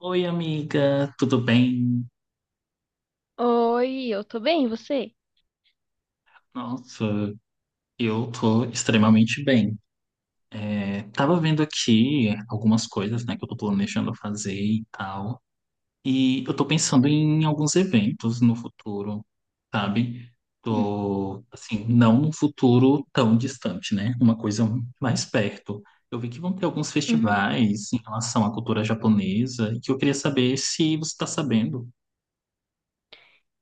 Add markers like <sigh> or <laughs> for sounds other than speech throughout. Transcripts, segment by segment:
Oi, amiga, tudo bem? Oi, eu tô bem, e você? Nossa, eu tô extremamente bem. É, tava vendo aqui algumas coisas, né, que eu tô planejando fazer e tal. E eu tô pensando em alguns eventos no futuro, sabe? Hum. Tô, assim, não num futuro tão distante, né? Uma coisa mais perto. Eu vi que vão ter alguns Uhum. festivais em relação à cultura japonesa, que eu queria saber se você tá sabendo.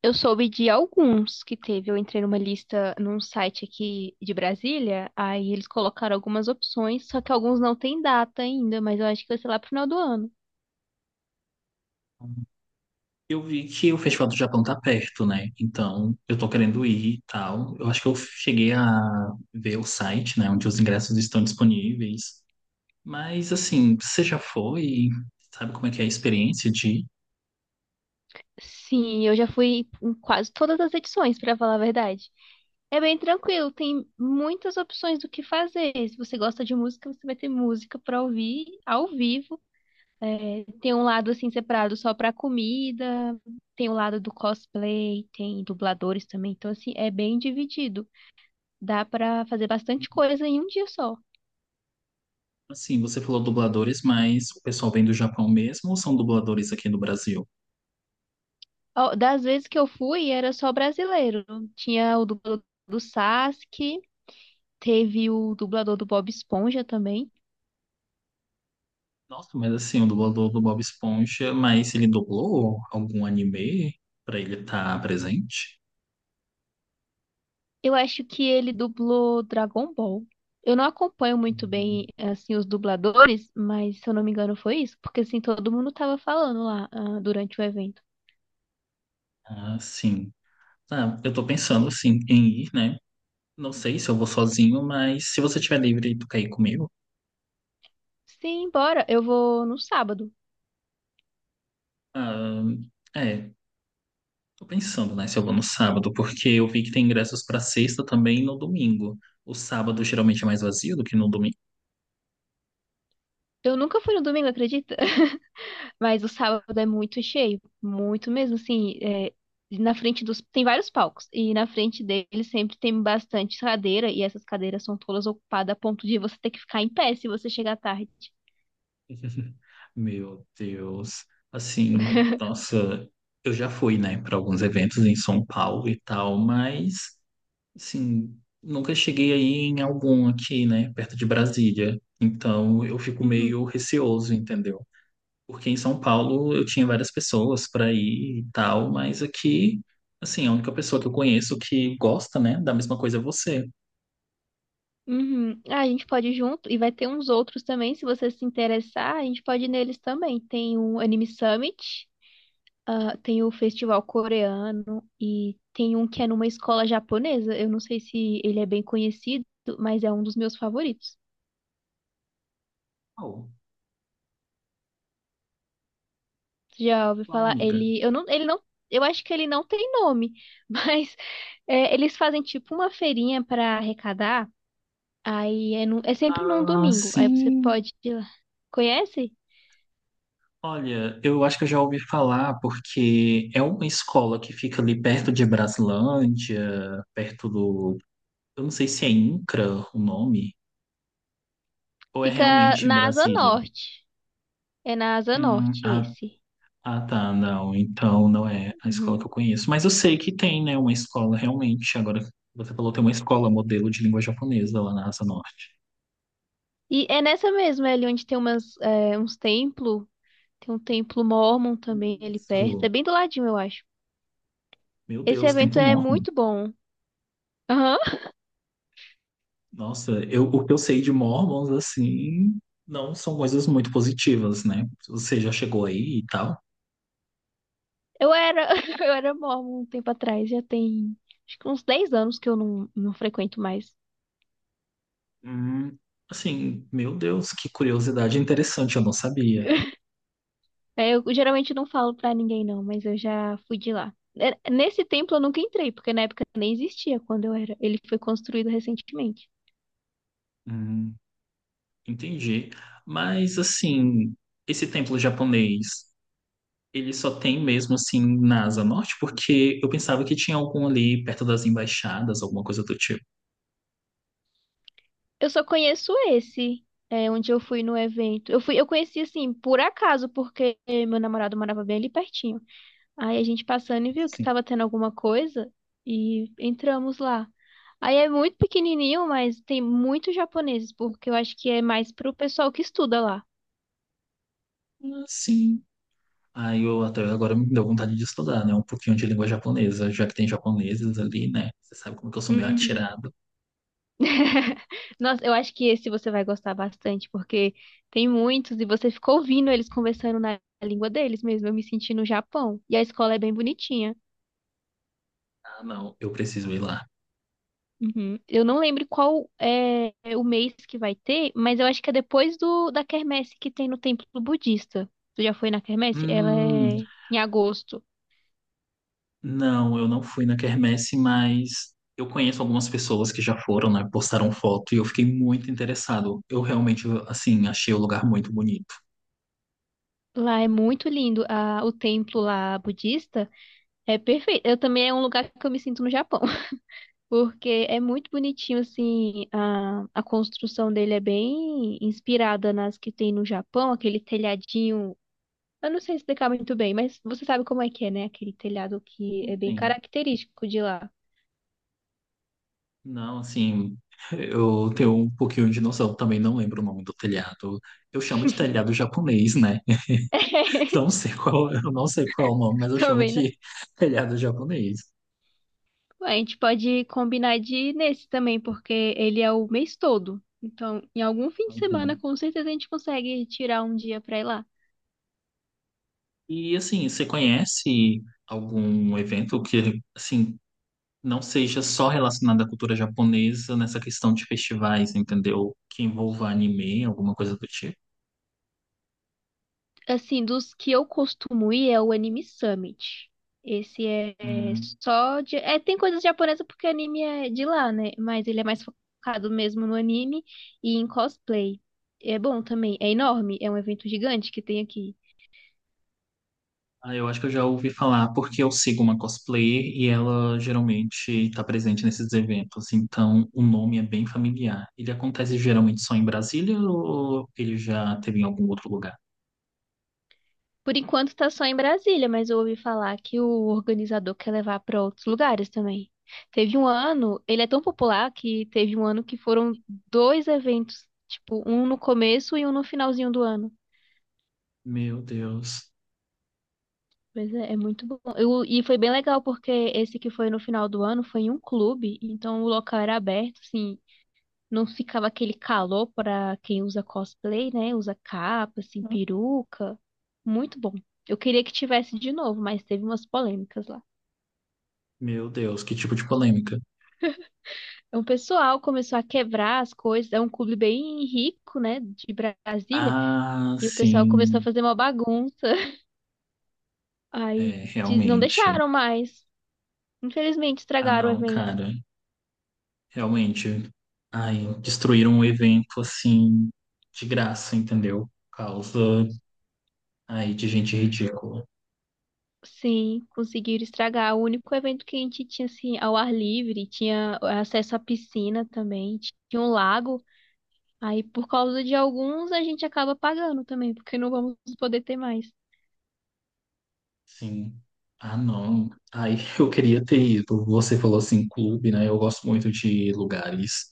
Eu soube de alguns que teve. Eu entrei numa lista num site aqui de Brasília, aí eles colocaram algumas opções, só que alguns não tem data ainda, mas eu acho que vai ser lá pro final do ano. Eu vi que o Festival do Japão tá perto, né? Então, eu tô querendo ir e tal. Eu acho que eu cheguei a ver o site, né, onde os ingressos estão disponíveis. Mas, assim, você já foi? Sabe como é que é a experiência de... Sim, eu já fui em quase todas as edições, pra falar a verdade. É bem tranquilo, tem muitas opções do que fazer. Se você gosta de música, você vai ter música pra ouvir ao vivo. É, tem um lado assim separado só pra comida, tem o lado do cosplay, tem dubladores também. Então, assim, é bem dividido. Dá pra fazer bastante coisa em um dia só. Assim, você falou dubladores, mas o pessoal vem do Japão mesmo ou são dubladores aqui no Brasil? Ó, das vezes que eu fui, era só brasileiro. Tinha o dublador do Sasuke, teve o dublador do Bob Esponja também. Nossa, mas assim, o dublador do Bob Esponja, mas ele dublou algum anime pra ele estar presente? Eu acho que ele dublou Dragon Ball. Eu não acompanho muito Hum. bem, assim, os dubladores, mas se eu não me engano foi isso, porque assim todo mundo tava falando lá, ah, durante o evento. Ah, sim. Ah, eu tô pensando, assim, em ir, né? Não sei se eu vou sozinho, mas se você tiver livre e tu quer ir comigo. Sim, bora. Eu vou no sábado. Ah, é, tô pensando, né, se eu vou no sábado, porque eu vi que tem ingressos pra sexta também e no domingo. O sábado geralmente é mais vazio do que no domingo. Eu nunca fui no domingo, acredita? <laughs> Mas o sábado é muito cheio, muito mesmo, assim, é, Tem vários palcos, e na frente deles sempre tem bastante cadeira, e essas cadeiras são todas ocupadas a ponto de você ter que ficar em pé se você chegar tarde. <laughs> Meu Deus. Assim, <laughs> nossa, eu já fui, né, para alguns eventos em São Paulo e tal, mas, assim, nunca cheguei aí em algum aqui, né, perto de Brasília. Então, eu fico Uhum. meio receoso, entendeu? Porque em São Paulo eu tinha várias pessoas para ir e tal, mas aqui, assim, a única pessoa que eu conheço que gosta, né, da mesma coisa é você. Uhum. Ah, a gente pode ir junto, e vai ter uns outros também, se você se interessar, a gente pode ir neles também. Tem o Anime Summit, ah, tem o festival coreano e tem um que é numa escola japonesa. Eu não sei se ele é bem conhecido, mas é um dos meus favoritos. Qual? Você já ouviu Qual falar? amiga? Ele, eu não, ele não, Eu acho que ele não tem nome, <laughs> mas é, eles fazem tipo uma feirinha para arrecadar. Aí é sempre num Ah, domingo. Aí você sim. pode ir lá. Conhece? Olha, eu acho que eu já ouvi falar porque é uma escola que fica ali perto de Braslândia, perto do. Eu não sei se é INCRA o nome, ou é Fica realmente em na Asa Brasília. Norte. É na Asa Norte Ah, esse. Ah, tá, não. Então não é a escola que eu Uhum. conheço. Mas eu sei que tem, né, uma escola realmente. Agora você falou, tem uma escola modelo de língua japonesa lá na Asa Norte. E é nessa mesma, é ali onde tem uns templos. Tem um templo mórmon também ali perto. É Isso. bem do ladinho, eu acho. Meu Esse Deus, Templo evento é Mórmon. muito bom. Aham. Nossa, eu, o que eu sei de Mormons, assim, não são coisas muito positivas, né? Você já chegou aí e tal. Eu era, <laughs> eu era mórmon um tempo atrás, já tem acho que uns 10 anos que eu não frequento mais. Hum, assim, meu Deus, que curiosidade interessante, eu não sabia. É, eu geralmente não falo pra ninguém, não, mas eu já fui de lá. É, nesse templo eu nunca entrei, porque na época nem existia quando eu era. Ele foi construído recentemente. Hum, entendi. Mas, assim, esse templo japonês. Ele só tem mesmo assim na Asa Norte, porque eu pensava que tinha algum ali perto das embaixadas, alguma coisa do tipo. Eu só conheço esse, onde eu fui no evento. Eu conheci assim, por acaso, porque meu namorado morava bem ali pertinho. Aí a gente passando e viu que Sim. tava tendo alguma coisa e entramos lá. Aí é muito pequenininho, mas tem muitos japoneses, porque eu acho que é mais pro pessoal que estuda lá. Sim. Aí eu até agora me deu vontade de estudar, né? Um pouquinho de língua japonesa, já que tem japoneses ali, né? Você sabe como que eu sou meio Hum. atirado. <laughs> Nossa, eu acho que esse você vai gostar bastante, porque tem muitos e você ficou ouvindo eles conversando na língua deles mesmo. Eu me senti no Japão. E a escola é bem bonitinha. Ah, não, eu preciso ir lá. Uhum. Eu não lembro qual é o mês que vai ter, mas eu acho que é depois do da quermesse que tem no templo budista. Tu já foi na quermesse? Ela Hum, é em agosto. não, eu não fui na quermesse, mas eu conheço algumas pessoas que já foram, né? Postaram foto e eu fiquei muito interessado. Eu realmente, assim, achei o lugar muito bonito. Lá é muito lindo. O templo lá budista é perfeito. Eu também é um lugar que eu me sinto no Japão, <laughs> porque é muito bonitinho assim. A construção dele é bem inspirada nas que tem no Japão, aquele telhadinho. Eu não sei explicar muito bem, mas você sabe como é que é, né? Aquele telhado que é bem Sim. característico de lá. Não, assim, eu tenho um pouquinho de noção, também não lembro o nome do telhado. Eu chamo de telhado japonês, né? <laughs> Não <laughs> sei qual, eu não sei qual é o nome, mas eu chamo Também, né? de <laughs> telhado japonês. A gente pode combinar de ir nesse também, porque ele é o mês todo. Então, em algum fim de semana, Uhum. com certeza a gente consegue tirar um dia pra ir lá. E assim, você conhece algum evento que, assim, não seja só relacionado à cultura japonesa nessa questão de festivais, entendeu? Que envolva anime, alguma coisa do tipo? Assim, dos que eu costumo ir é o Anime Summit. Esse é só de... É, tem coisas japonesas porque anime é de lá, né? Mas ele é mais focado mesmo no anime e em cosplay. É bom também. É enorme, é um evento gigante que tem aqui. Ah, eu acho que eu já ouvi falar, porque eu sigo uma cosplayer e ela geralmente está presente nesses eventos, então o nome é bem familiar. Ele acontece geralmente só em Brasília ou ele já teve em algum outro lugar? Por enquanto tá só em Brasília, mas eu ouvi falar que o organizador quer levar para outros lugares também. Ele é tão popular que teve um ano que foram dois eventos, tipo, um no começo e um no finalzinho do ano. Meu Deus, Mas é muito bom. E foi bem legal porque esse que foi no final do ano foi em um clube, então o local era aberto, assim, não ficava aquele calor para quem usa cosplay, né? Usa capa, assim, peruca. Muito bom. Eu queria que tivesse de novo, mas teve umas polêmicas lá. Que tipo de polêmica. O pessoal começou a quebrar as coisas. É um clube bem rico, né, de Brasília. Ah, E o pessoal começou a sim, fazer uma bagunça. <laughs> Aí é, não realmente. deixaram mais. Infelizmente, Ah, estragaram o não, evento. cara, realmente. Ai, destruíram um evento assim, de graça, entendeu? Por causa aí de gente ridícula. Sim, conseguiram estragar. O único evento que a gente tinha, assim, ao ar livre, tinha acesso à piscina também, tinha um lago. Aí, por causa de alguns, a gente acaba pagando também, porque não vamos poder ter mais. Sim. Ah, não. Aí <laughs> eu queria ter ido. Você falou assim, clube, né? Eu gosto muito de lugares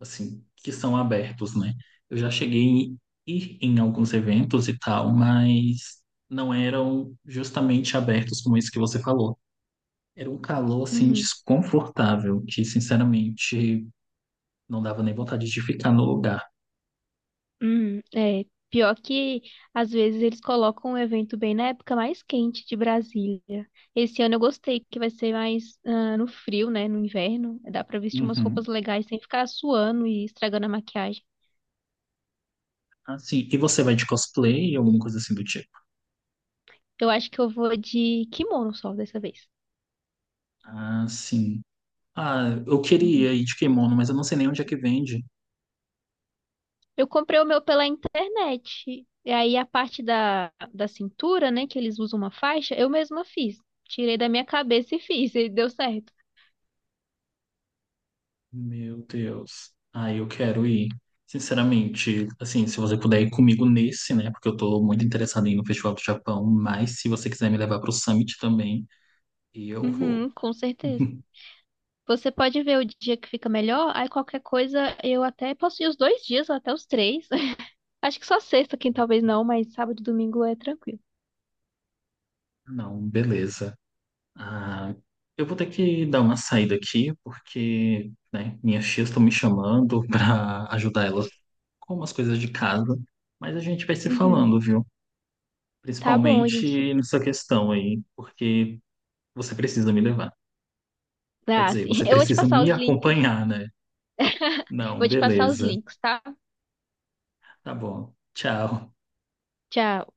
assim que são abertos, né? Eu já cheguei em ir em alguns eventos e tal, mas não eram justamente abertos como esse que você falou. Era um calor assim Uhum. desconfortável, que sinceramente não dava nem vontade de ficar no lugar. É. Pior que às vezes eles colocam o evento bem na época mais quente de Brasília. Esse ano eu gostei, que vai ser mais ah, no frio, né? No inverno. Dá pra vestir umas Uhum. roupas legais sem ficar suando e estragando a maquiagem. Ah, sim. E você vai de cosplay, alguma coisa assim do tipo? Eu acho que eu vou de kimono só dessa vez. Ah, sim. Ah, eu Uhum. queria ir de kimono, mas eu não sei nem onde é que vende. Eu comprei o meu pela internet. E aí a parte da cintura, né? Que eles usam uma faixa, eu mesma fiz. Tirei da minha cabeça e fiz, e deu certo. Meu Deus. Ah, eu quero ir. Sinceramente, assim, se você puder ir comigo nesse, né? Porque eu tô muito interessado em ir no Festival do Japão, mas se você quiser me levar pro Summit também, eu vou. Uhum, com certeza. <laughs> Você pode ver o dia que fica melhor, aí qualquer coisa eu até posso ir os 2 dias, ou até os três. <laughs> Acho que só sexta, quem talvez não, mas sábado e domingo é tranquilo. Não, beleza. Ah, eu vou ter que dar uma saída aqui, porque, né, minhas tias estão me chamando <laughs> para ajudar elas com umas coisas de casa, mas a gente vai se falando, Uhum. viu? Tá bom, a gente Principalmente se- nessa questão aí, porque você precisa me levar. Quer Ah, dizer, sim. <laughs> você Eu vou te precisa passar me os links. acompanhar, né? Não, Vou te passar os beleza. links, tá? Tá bom. Tchau. Tchau.